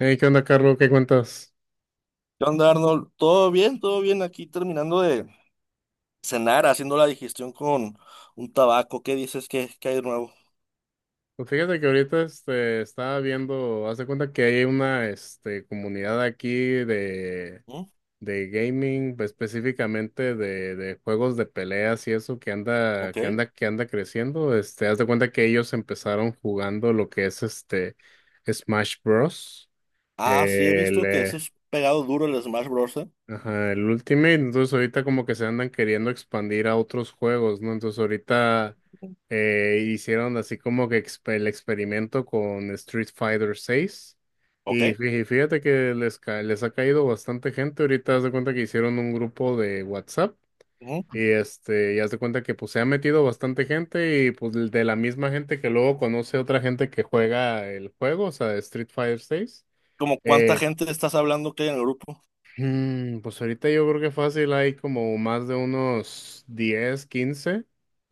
Hey, ¿qué onda, Carlos? ¿Qué cuentas? ¿Qué onda, Arnold? ¿Todo bien? ¿Todo bien? Aquí terminando de cenar, haciendo la digestión con un tabaco. ¿Qué dices que hay de nuevo? Pues fíjate que ahorita estaba viendo, haz de cuenta que hay una comunidad aquí de, ¿Mm? de gaming, pues, específicamente de juegos de peleas y eso que anda, ¿Ok? que anda, que anda creciendo. Haz de cuenta que ellos empezaron jugando lo que es Smash Bros. Ah, sí, he visto que eso es pegado duro el Smash Bros. ¿Eh? Ajá, el Ultimate. Entonces ahorita como que se andan queriendo expandir a otros juegos, ¿no? Entonces ahorita hicieron así como que el experimento con Street Fighter 6, ¿Ok? y fíjate que les ha caído bastante gente. Ahorita haz de cuenta que hicieron un grupo de WhatsApp, Ujú. y ya haz de cuenta que pues se ha metido bastante gente, y pues de la misma gente que luego conoce otra gente que juega el juego, o sea, Street Fighter 6. ¿Cómo cuánta eh, gente estás hablando que hay en el grupo? Pues ahorita yo creo que fácil hay como más de unos 10 quince.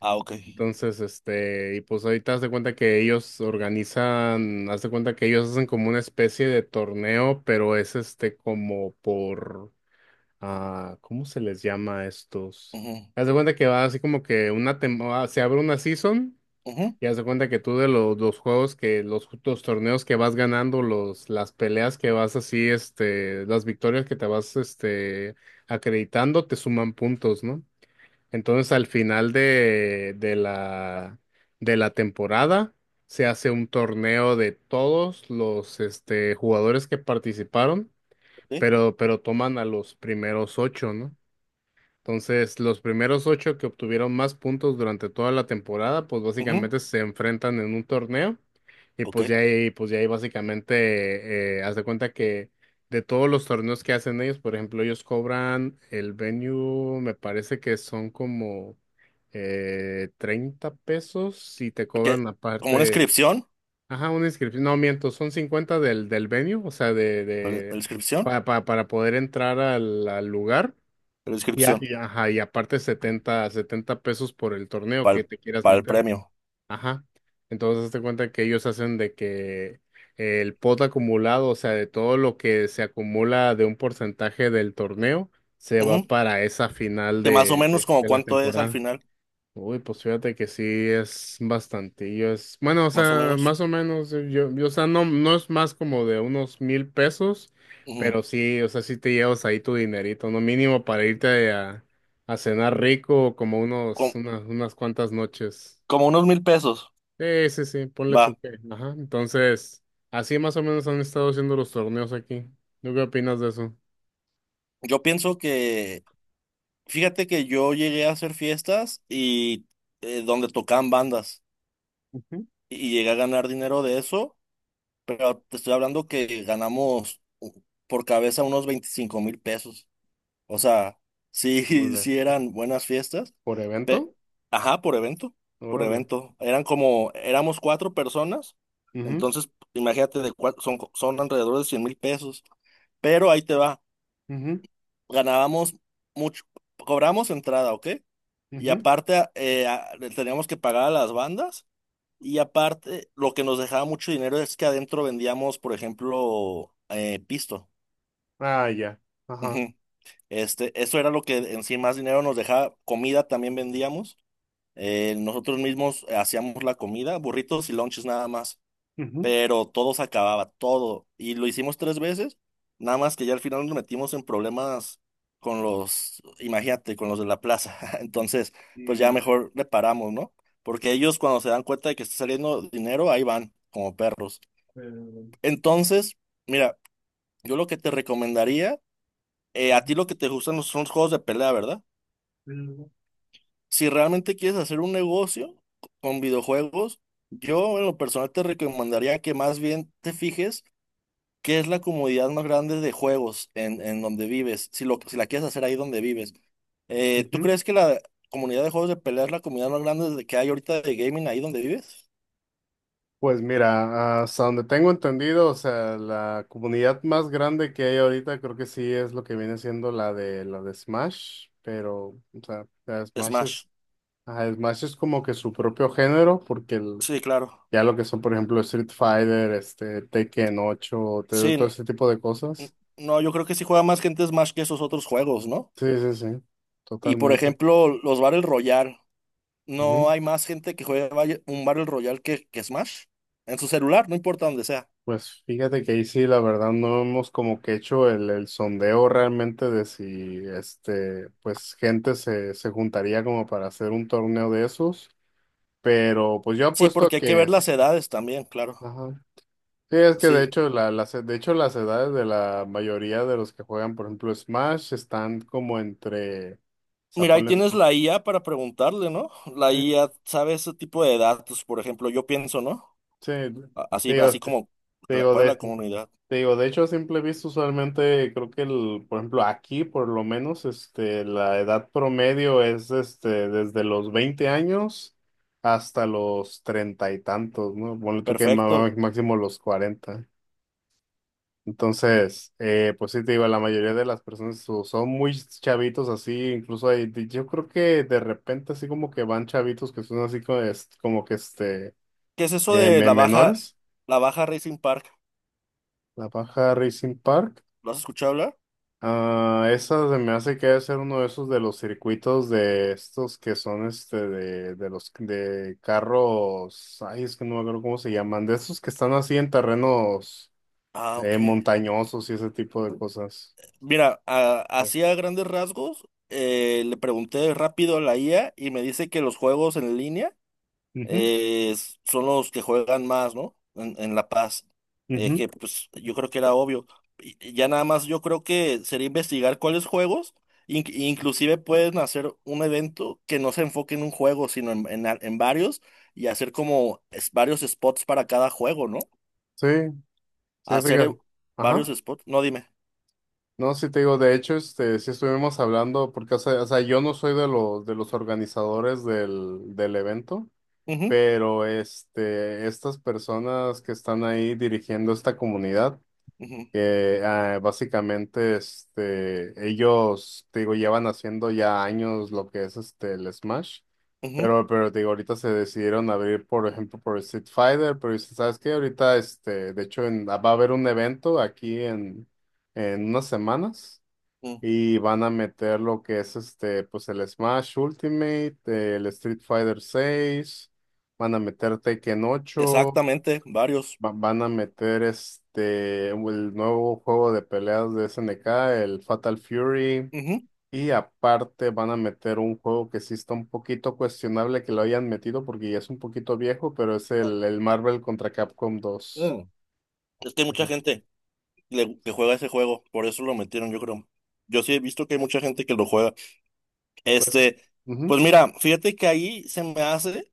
Ah, ok. Entonces, y pues ahorita haz de cuenta que ellos organizan, haz de cuenta que ellos hacen como una especie de torneo, pero es como por, ¿cómo se les llama a estos? Ujú, Haz de cuenta que va así como que se abre una season. ujú, Ya se cuenta que tú de los juegos que, los torneos que vas ganando, los, las peleas que vas así, las victorias que te vas, acreditando, te suman puntos, ¿no? Entonces al final de la temporada se hace un torneo de todos los, jugadores que participaron, ok, pero toman a los primeros ocho, ¿no? Entonces, los primeros ocho que obtuvieron más puntos durante toda la temporada pues ujú, básicamente se enfrentan en un torneo, y ok. pues ya ahí básicamente, haz de cuenta que de todos los torneos que hacen ellos, por ejemplo, ellos cobran el venue, me parece que son como $30, y te ¿Qué? cobran ¿Como una aparte, inscripción? ajá, una inscripción. No miento, son 50 del venue, o sea, ¿La inscripción? para poder entrar al lugar. La Y, a- inscripción y, ajá, y aparte setenta pesos por el torneo para que te quieras para el meter. premio. Ajá. Entonces, hazte cuenta que ellos hacen de que el pot acumulado, o sea, de todo lo que se acumula de un porcentaje del torneo, se va Ujú. para esa final ¿Que más o de, menos de, como de la cuánto es al temporada. final, Uy, pues fíjate que sí es bastantillo. Bueno, o más o sea, menos? más o menos, o sea, no, no es más como de unos $1,000, Ujú. pero sí, o sea, sí te llevas ahí tu dinerito. No mínimo para irte a cenar rico como unos, unas cuantas noches. ¿Como unos 1,000 pesos? Sí, sí, sí, ponle tu Va. que, ajá. Entonces, así más o menos han estado haciendo los torneos aquí. ¿Tú qué opinas de eso? Yo pienso que, fíjate que yo llegué a hacer fiestas y donde tocaban bandas Ujú. y llegué a ganar dinero de eso, pero te estoy hablando que ganamos por cabeza unos 25,000 pesos. O sea, sí, Órale. sí eran buenas fiestas. ¿Por pe- evento? Ajá, por evento, por Órale. evento. Eran como, éramos cuatro personas, Ujú, entonces imagínate, de cuatro, son alrededor de 100,000 pesos, pero ahí te va. ujú, Ganábamos mucho, cobramos entrada, ¿ok? Y ujú. aparte le teníamos que pagar a las bandas y aparte lo que nos dejaba mucho dinero es que adentro vendíamos, por ejemplo, pisto. Ah, ya. Ajá. Ujú. Este, eso era lo que en sí más dinero nos dejaba. Comida también vendíamos. Nosotros mismos hacíamos la comida, burritos y lonches nada más. Pero todo se acababa, todo. Y lo hicimos tres veces, nada más que ya al final nos metimos en problemas con los, imagínate, con los de la plaza. Entonces, Y, pues ya mejor le paramos, ¿no? Porque ellos cuando se dan cuenta de que está saliendo dinero, ahí van, como perros. pero, Entonces, mira, yo lo que te recomendaría, a Ujú. ti lo que te gustan son los juegos de pelea, ¿verdad? pero- Si realmente quieres hacer un negocio con videojuegos, yo en lo personal te recomendaría que más bien te fijes. ¿Qué es la comodidad más grande de juegos en donde vives? Si, si la quieres hacer ahí donde vives. ¿Tú Ujú. crees que la comunidad de juegos de pelea es la comunidad más grande que hay ahorita de gaming ahí donde vives? Pues mira, hasta donde tengo entendido, o sea, la comunidad más grande que hay ahorita creo que sí es lo que viene siendo la de Smash, pero o sea, la de Smash Smash. es. Ajá, Smash es como que su propio género, porque Sí, claro. ya lo que son, por ejemplo, Street Fighter, Tekken 8, Sí, todo ese tipo de cosas. no, yo creo que sí juega más gente Smash que esos otros juegos, ¿no? Sí, sí, sí, Y por totalmente. ejemplo, los Battle Royale. ¿No hay más gente que juega un Battle Royale que Smash? En su celular, no importa donde sea. Pues fíjate que ahí sí, la verdad, no hemos como que hecho el sondeo realmente de si, pues gente se juntaría como para hacer un torneo de esos, pero pues yo Sí, apuesto a porque hay que que ver sí. las edades también, claro. Ajá. Sí, es que de Sí. hecho, de hecho las edades de la mayoría de los que juegan, por ejemplo, Smash, están como entre, o sea, Mira, ahí ponle, tienes la IA para preguntarle, ¿no? La eh, IA sabe ese tipo de datos, por ejemplo, yo pienso, ¿no? sí, Así, digo, así te como, digo. ¿cuál es la comunidad? Te digo, de hecho, a simple vista, usualmente creo que por ejemplo, aquí por lo menos, la edad promedio es desde los 20 años hasta los 30 y tantos, ¿no? Ponle tú que Perfecto. máximo los 40. Entonces, pues sí, te digo, la mayoría de las personas son muy chavitos así. Incluso hay, yo creo que de repente así como que van chavitos que son así como, como que ¿Qué es eso de menores, la baja Racing Park? la Baja Racing Park. ¿Lo has escuchado hablar? Ah, esa se me hace que debe ser uno de esos de los circuitos de estos que son de los de carros, ay, es que no me acuerdo cómo se llaman, de esos que están así en terrenos Ah, ok. montañosos y ese tipo de cosas. Mira, Es- así a grandes rasgos, le pregunté rápido a la IA y me dice que los juegos en línea Ujú, eh, son los que juegan más, ¿no? En La Paz. Ujú. Que pues yo creo que era obvio. Y ya nada más yo creo que sería investigar cuáles juegos, inclusive pueden hacer un evento que no se enfoque en un juego, sino en varios y hacer como varios spots para cada juego, ¿no? Sí, sí, Hacer fíjate. varios Ajá. spots, no dime. No, sí te digo, de hecho, sí estuvimos hablando, porque, yo no soy de los organizadores del evento. Ujú, Pero estas personas que están ahí dirigiendo esta comunidad, ujú, básicamente ellos, te digo, llevan haciendo ya años lo que es el Smash, ujú, pero te digo, ahorita se decidieron abrir, por ejemplo, por Street Fighter, pero dices, ¿sabes qué? Ahorita, de hecho, va a haber un evento aquí en, unas semanas, mm. y van a meter lo que es pues el Smash Ultimate, el Street Fighter 6, van a meter Tekken 8, Exactamente, varios. Van a meter el nuevo juego de peleas de SNK, el Fatal Fury, Ujú. y aparte van a meter un juego que sí está un poquito cuestionable que lo hayan metido, porque ya es un poquito viejo, pero es Ah, el Marvel contra Capcom 2. mm. Es que hay mucha Ujú. gente que juega ese juego, por eso lo metieron, yo creo. Yo sí he visto que hay mucha gente que lo juega. Pues, Este, ujú, pues mira, fíjate que ahí se me hace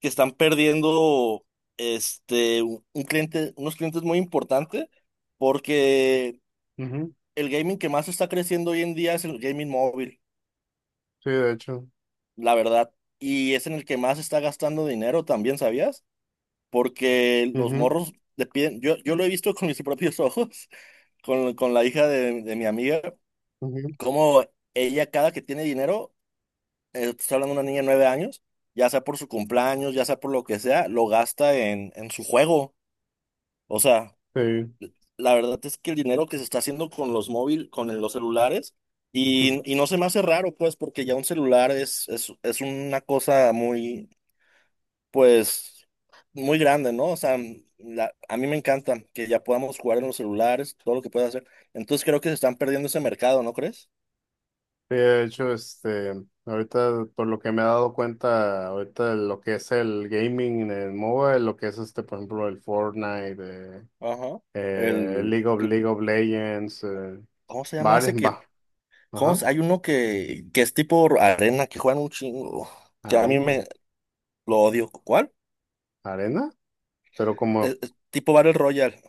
que están perdiendo este un cliente, unos clientes muy importantes, porque ujú, el gaming que más está creciendo hoy en día es el gaming móvil, sí, de hecho, la verdad, y es en el que más está gastando dinero también, ¿sabías? Porque los ujú, morros le piden, yo lo he visto con mis propios ojos, con la hija de mi amiga. ujú, Como ella cada que tiene dinero, te estoy hablando de una niña de 9 años, ya sea por su cumpleaños, ya sea por lo que sea, lo gasta en su juego. O sea, la verdad es que el dinero que se está haciendo con los móviles, con los celulares, sí. Y no se me hace raro, pues, porque ya un celular es una cosa muy, pues, muy grande, ¿no? O sea, a mí me encanta que ya podamos jugar en los celulares, todo lo que pueda hacer. Entonces creo que se están perdiendo ese mercado, ¿no crees? Sí, de hecho, ahorita por lo que me he dado cuenta, ahorita lo que es el gaming en mobile, lo que es por ejemplo, el Fortnite, eh, Ajá. El, el League of Legends, ¿cómo se llama bares, ese que? va, ajá, Hay uno que es tipo arena, que juegan un chingo, que a mí arena, me lo odio. ¿Cuál? arena, pero como, Es tipo Battle Royale.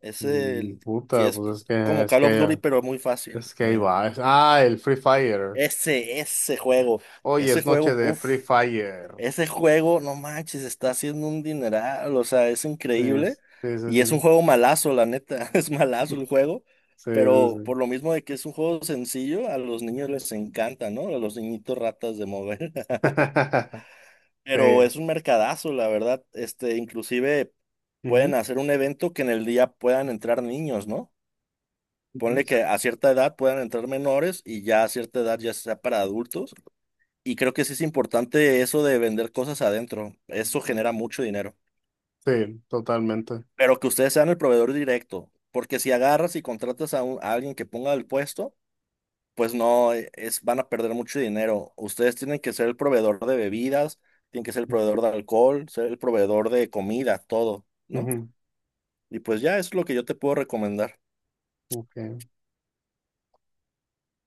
Es el que puta, es pues como Call of Duty, pero muy fácil. es que ahí va, el Free Fire. ese, ese juego, Hoy ese es noche juego, de uff, Free Fire. ese juego, no manches, está haciendo un dineral, o sea, es Sí, increíble. sí, sí, Y es un sí, juego malazo, la neta, es malazo el juego. sí, sí, Pero sí. por lo mismo de que es un juego sencillo, a los niños les encanta, ¿no? A los niñitos ratas de mover. Pero Sí. es un mercadazo, la verdad. Este, inclusive pueden hacer un evento que en el día puedan entrar niños, ¿no? Ponle Ujú. que a cierta edad puedan entrar menores y ya a cierta edad ya sea para adultos. Y creo que sí es importante eso de vender cosas adentro. Eso genera mucho dinero. Sí, totalmente. Pero que ustedes sean el proveedor directo. Porque si agarras y contratas a alguien que ponga el puesto, pues no, es, van a perder mucho dinero. Ustedes tienen que ser el proveedor de bebidas, tienen que ser el proveedor de alcohol, ser el proveedor de comida, todo, ¿no? Ujú, Y pues ya es lo que yo te puedo recomendar. ok.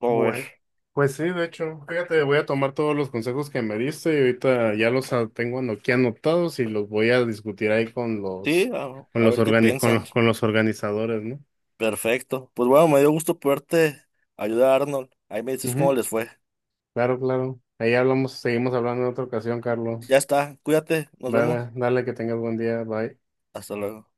A ver, Bueno, pues sí, de hecho, fíjate, voy a tomar todos los consejos que me diste, y ahorita ya tengo aquí anotados, y los voy a discutir ahí sí, a ver qué piensan. Con los organizadores, ¿no? Perfecto. Pues bueno, me dio gusto poderte ayudar, Arnold. Ahí me dices cómo Ujú, les fue. claro, claro. Ahí hablamos, seguimos hablando en otra ocasión, Carlos. Ya está, cuídate, nos vemos. Dale, dale, que tengas buen día. Bye. Hasta luego.